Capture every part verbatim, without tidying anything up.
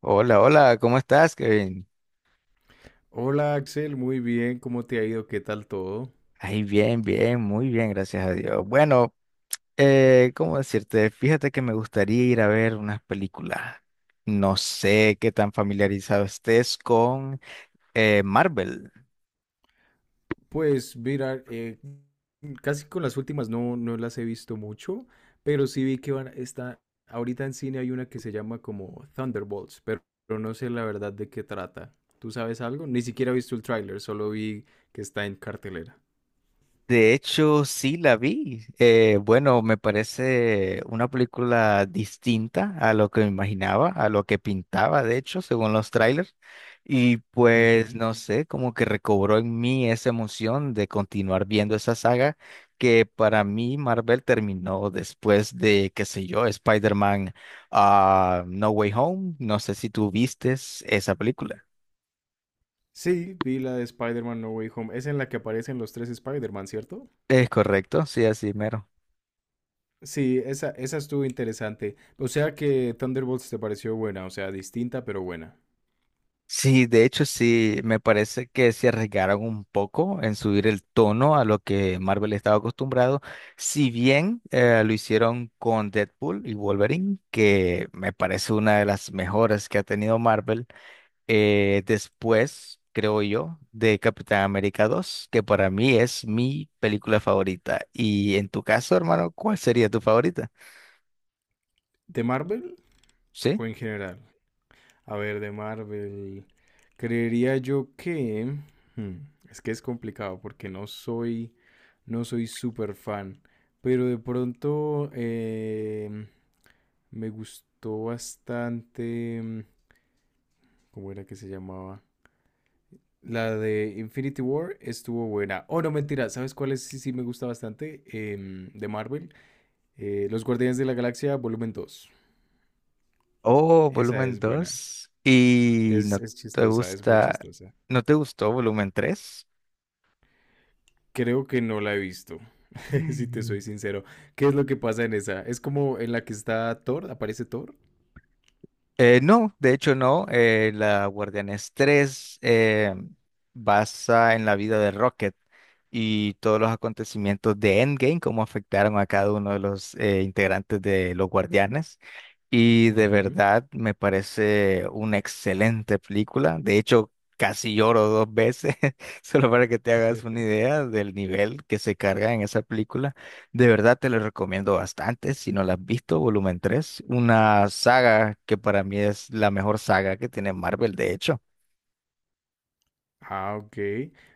Hola, hola, ¿cómo estás, Kevin? Hola Axel, muy bien, ¿cómo te ha ido? ¿Qué tal todo? Ay, bien, bien, muy bien, gracias a Dios. Bueno, eh, ¿cómo decirte? Fíjate que me gustaría ir a ver unas películas. No sé qué tan familiarizado estés con eh, Marvel. Pues mira, eh, casi con las últimas no, no las he visto mucho, pero sí vi que van, está, ahorita en cine hay una que se llama como Thunderbolts, pero, pero no sé la verdad de qué trata. ¿Tú sabes algo? Ni siquiera he visto el tráiler, solo vi que está en cartelera. De hecho, sí la vi. Eh, bueno, me parece una película distinta a lo que me imaginaba, a lo que pintaba, de hecho, según los trailers. Y pues, Ujú. no sé, como que recobró en mí esa emoción de continuar viendo esa saga que para mí Marvel terminó después de, qué sé yo, Spider-Man, ah, No Way Home. No sé si tú vistes esa película. Sí, vi la de Spider-Man No Way Home. Es en la que aparecen los tres Spider-Man, ¿cierto? Es correcto, sí, así mero. Sí, esa, esa estuvo interesante. O sea que Thunderbolts te pareció buena, o sea, distinta pero buena. Sí, de hecho sí, me parece que se arriesgaron un poco en subir el tono a lo que Marvel estaba acostumbrado, si bien eh, lo hicieron con Deadpool y Wolverine, que me parece una de las mejores que ha tenido Marvel, eh, después, creo yo, de Capitán América dos, que para mí es mi película favorita. Y en tu caso, hermano, ¿cuál sería tu favorita? ¿De Marvel ¿Sí? o en general? A ver, de Marvel. Creería yo que... hmm, Es que es complicado porque no soy... No soy súper fan. Pero de pronto em, me gustó bastante... mm, ¿Cómo era que se llamaba? La de Infinity War estuvo buena. Oh, no, mentira. ¿Sabes cuál es? Sí, sí, me gusta bastante. Em, de Marvel. Eh, Los Guardianes de la Galaxia, volumen dos. Oh, Esa volumen es buena. dos. ¿Y no Es, es te chistosa, es muy gusta, chistosa. no te gustó volumen tres? Creo que no la he visto, si te soy sincero. ¿Qué es lo que pasa en esa? ¿Es como en la que está Thor? ¿Aparece Thor? Eh, no, de hecho no. Eh, la Guardianes tres eh, basa en la vida de Rocket y todos los acontecimientos de Endgame, cómo afectaron a cada uno de los eh, integrantes de los Guardianes. Y de Ujú. verdad me parece una excelente película. De hecho, casi lloro dos veces, solo para que te hagas una idea del nivel que se carga en esa película. De verdad te lo recomiendo bastante. Si no la has visto, volumen tres, una saga que para mí es la mejor saga que tiene Marvel, de hecho. Ah, ok.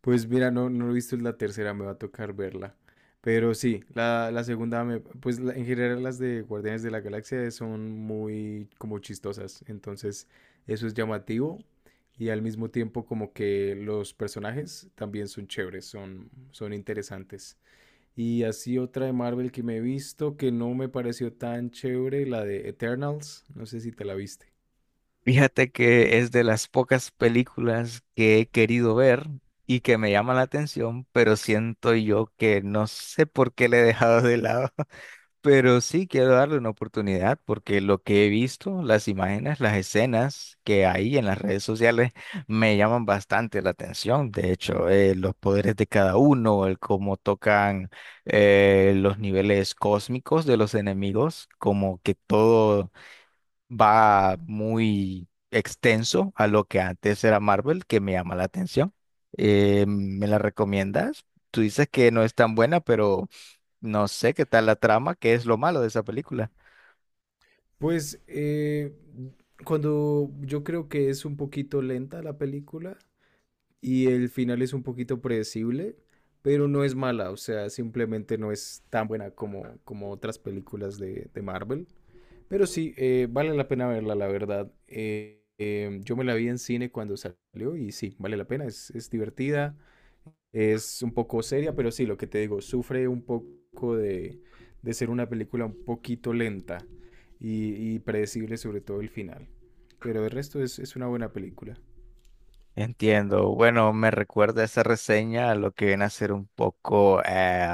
Pues mira, no, no he visto la tercera, me va a tocar verla. Pero sí, la, la segunda, me, pues la- en general las de Guardianes de la Galaxia son muy como chistosas. Entonces, eso es llamativo. Y al mismo tiempo como que los personajes también son chéveres, son, son interesantes. Y así otra de Marvel que me he visto que no me pareció tan chévere, la de Eternals. No sé si te la viste. Fíjate que es de las pocas películas que he querido ver y que me llaman la atención, pero siento yo que no sé por qué le he dejado de lado. Pero sí quiero darle una oportunidad porque lo que he visto, las imágenes, las escenas que hay en las redes sociales me llaman bastante la atención. De hecho, eh, los poderes de cada uno, el cómo tocan eh, los niveles cósmicos de los enemigos, como que todo va muy extenso a lo que antes era Marvel, que me llama la atención. Eh, ¿me la recomiendas? Tú dices que no es tan buena, pero... No sé qué tal la trama, qué es lo malo de esa película. Pues eh, cuando yo creo que es un poquito lenta la película y el final es un poquito predecible, pero no es mala, o sea, simplemente no es tan buena como, como otras películas de, de Marvel. Pero sí, eh, vale la pena verla, la verdad. Eh, eh, yo me la vi en cine cuando salió y sí, vale la pena, es, es divertida, es un poco seria, pero sí, lo que te digo, sufre un poco de, de ser una película un poquito lenta y, y predecible, sobre todo el final. Pero el resto es, es una buena película. Entiendo. Bueno, me recuerda esa reseña a lo que viene a ser un poco, eh,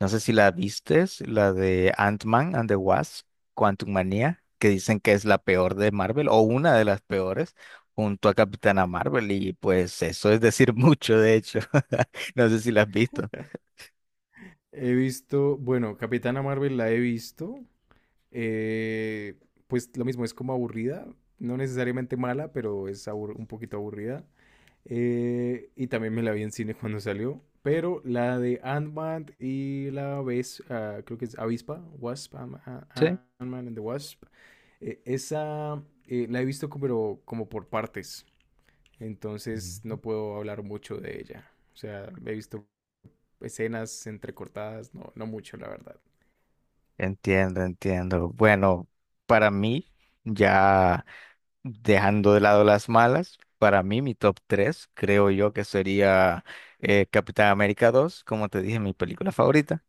no sé si la vistes, la de Ant-Man and the Wasp, Quantum Manía, que dicen que es la peor de Marvel o una de las peores, junto a Capitana Marvel. Y pues eso es decir mucho, de hecho. No sé si la has visto. He visto, bueno, Capitana Marvel la he visto. eh, pues lo mismo, es como aburrida. No necesariamente mala, pero es abur- un poquito aburrida. Eh, y también me la vi en cine cuando salió. Pero la de Ant-Man y la vez, ah, creo que es Avispa, Wasp, Ant- Sí. Ant- Ant-Man and the Wasp. Eh, esa eh, la he visto co- pero como por partes. Entonces Ujú. no puedo hablar mucho de ella. O sea, he visto escenas entrecortadas, no, no mucho, la verdad. Entiendo, entiendo. Bueno, para mí ya. Dejando de lado las malas, para mí mi top tres creo yo que sería eh, Capitán América dos, como te dije, mi película favorita.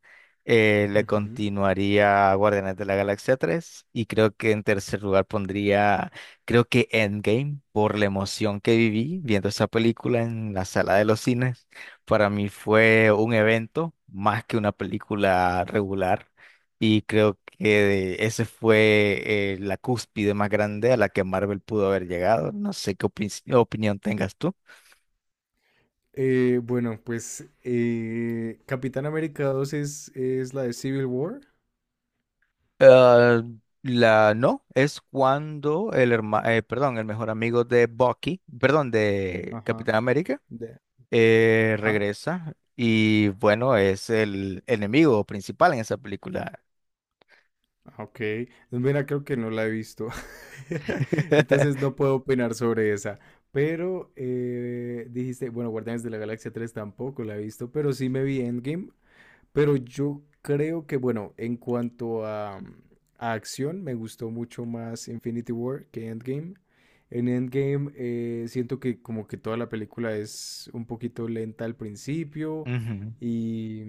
Eh, le Ujú. continuaría Guardianes de la Galaxia tres y creo que en tercer lugar pondría, creo que Endgame, por la emoción que viví viendo esa película en la sala de los cines. Para mí fue un evento más que una película regular. Y creo que ese fue eh, la cúspide más grande a la que Marvel pudo haber llegado. No sé qué opin- opinión tengas tú. Eh, bueno, pues eh, Capitán América dos es, es la de Civil War. Ah, la no, es cuando el hermano, perdón, el mejor amigo de Bucky, perdón, de Ajá. Capitán América, de- eh, ajá. regresa y bueno, es el enemigo principal en esa película. Ah, Ok, mira, creo que no la he visto, entonces no puedo opinar sobre esa, pero eh, dijiste, bueno, Guardianes de la Galaxia tres tampoco la he visto, pero sí me vi Endgame, pero yo creo que, bueno, en cuanto a, a acción, me gustó mucho más Infinity War que Endgame. En Endgame eh, siento que como que toda la película es un poquito lenta al principio Ujú, y,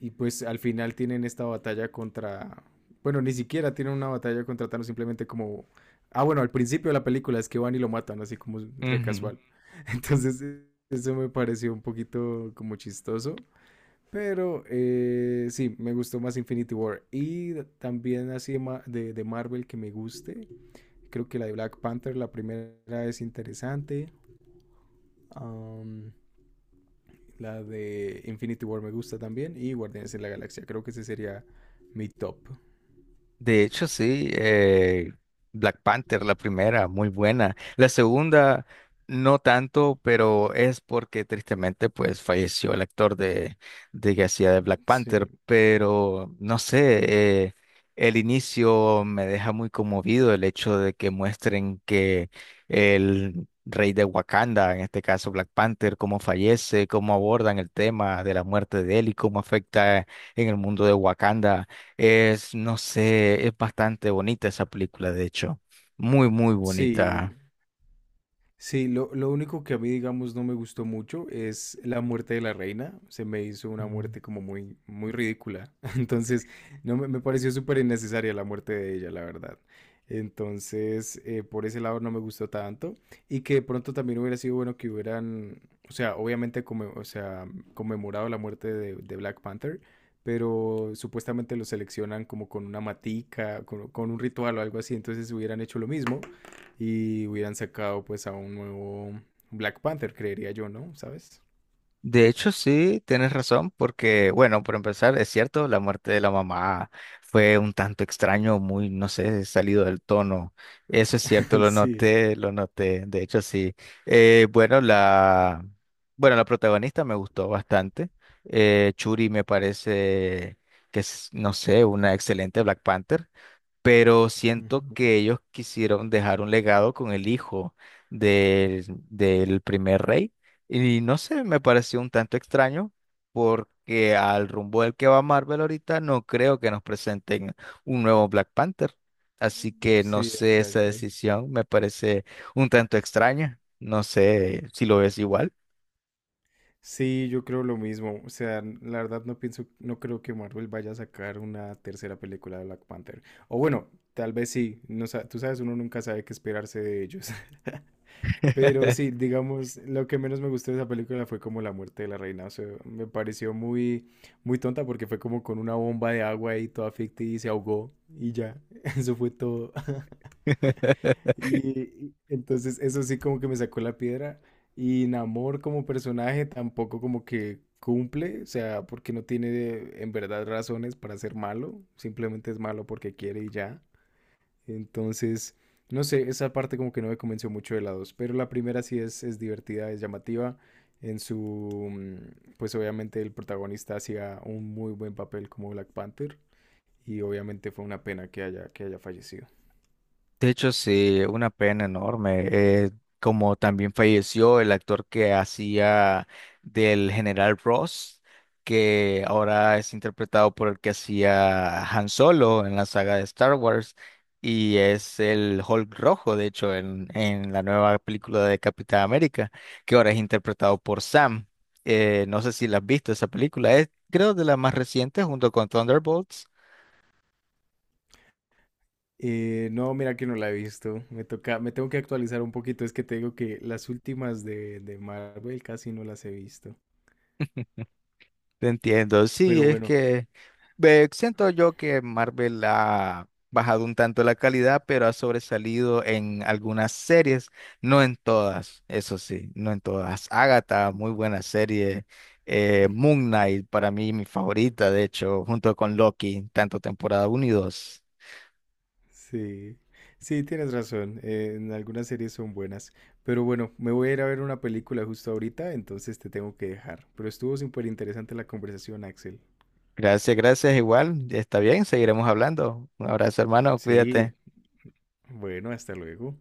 y pues al final tienen esta batalla contra... Bueno, ni siquiera tienen una batalla contra Thanos, simplemente como... Ah, bueno, al principio de la película es que van y lo matan, así como re ujú. casual. Entonces, eh, eso me pareció un poquito como chistoso. Pero eh, sí, me gustó más Infinity War. Y también así de, Ma- de- de Marvel que me guste. Creo que la de Black Panther, la primera es interesante. Am, la de Infinity War me gusta también. Y Guardianes de la Galaxia, creo que ese sería mi top. De hecho, sí, eh, Black Panther, la primera, muy buena. La segunda, no tanto, pero es porque tristemente, pues, falleció el actor de, de que hacía de Black Panther. Sí. Pero, no sé, eh, el inicio me deja muy conmovido el hecho de que muestren que el rey de Wakanda, en este caso Black Panther, cómo fallece, cómo abordan el tema de la muerte de él y cómo afecta en el mundo de Wakanda es, no sé, es bastante bonita esa película, de hecho. Muy, muy Sí, bonita. sí, lo, lo único que a mí, digamos, no me gustó mucho es la muerte de la reina. Se me hizo una Mm. muerte como muy, muy ridícula. Entonces, no me, me pareció súper innecesaria la muerte de ella, la verdad. Entonces, eh, por ese lado no me gustó tanto. Y que de pronto también hubiera sido bueno que hubieran, o sea, obviamente, come- o sea, conmemorado la muerte de, de Black Panther. Pero supuestamente lo seleccionan como con una matica, con, con un ritual o algo así. Entonces hubieran hecho lo mismo y hubieran sacado pues a un nuevo Black Panther, creería yo, ¿no? ¿Sabes? De hecho, sí, tienes razón, porque, bueno, por empezar, es cierto, la muerte de la mamá fue un tanto extraño, muy, no sé, salido del tono. Eso es cierto, lo Sí. noté, lo noté. De hecho, sí. Eh, bueno, la, bueno, la protagonista me gustó bastante. Eh, Churi me parece que es, no sé, una excelente Black Panther. Pero siento Ujú. que ellos quisieron dejar un legado con el hijo del, del primer rey y no sé, me pareció un tanto extraño porque al rumbo del que va Marvel ahorita no creo que nos presenten un nuevo Black Panther, así que no Sí, sé, esa exacto. decisión me parece un tanto extraña, no sé si lo ves igual. Sí, yo creo lo mismo. O sea, n- la verdad no pienso, no creo que Marvel vaya a sacar una tercera película de Black Panther. O bueno, tal vez sí. No, sa- tú sabes, uno nunca sabe qué esperarse de ellos. Pero sí, digamos, lo que menos me gustó de esa película fue como la muerte de la reina. O sea, me pareció muy, muy tonta porque fue como con una bomba de agua y toda ficticia y se ahogó y ya. Eso fue todo. Y, y entonces eso sí como que me sacó la piedra. Y Namor como personaje tampoco como que cumple, o sea, porque no tiene en verdad razones para ser malo. Simplemente es malo porque quiere y ya. Entonces, no sé, esa parte como que no me convenció mucho de la dos, pero la primera sí es, es divertida, es llamativa. En su, mm, pues obviamente el protagonista hacía un muy buen papel como Black Panther y obviamente fue una pena que haya, que haya fallecido. De hecho, sí, una pena enorme. Eh, como también falleció el actor que hacía del general Ross, que ahora es interpretado por el que hacía Han Solo en la saga de Star Wars, y es el Hulk rojo, de hecho, en, en la nueva película de Capitán América, que ahora es interpretado por Sam. Eh, no sé si la has visto esa película, es creo de las más recientes junto con Thunderbolts. Eh, no, mira que no la he visto. Me toca, me tengo que actualizar un poquito. Es que te digo que las últimas de, de Marvel casi no las he visto. Te entiendo, sí, Pero es bueno, que ve, siento yo que Marvel ha bajado un tanto la calidad, pero ha sobresalido en algunas series, no en todas, eso sí, no en todas. Agatha, muy buena serie. eh, Moon Knight, para mí mi favorita, de hecho, junto con Loki, tanto temporada uno y dos. sí, sí, tienes razón. Eh, en algunas series son buenas. Pero bueno, me voy a ir a ver una película justo ahorita, entonces te tengo que dejar. Pero estuvo súper interesante la conversación, Axel. Gracias, gracias, igual, está bien, seguiremos hablando. Un abrazo, hermano, Sí, cuídate. bueno, hasta luego.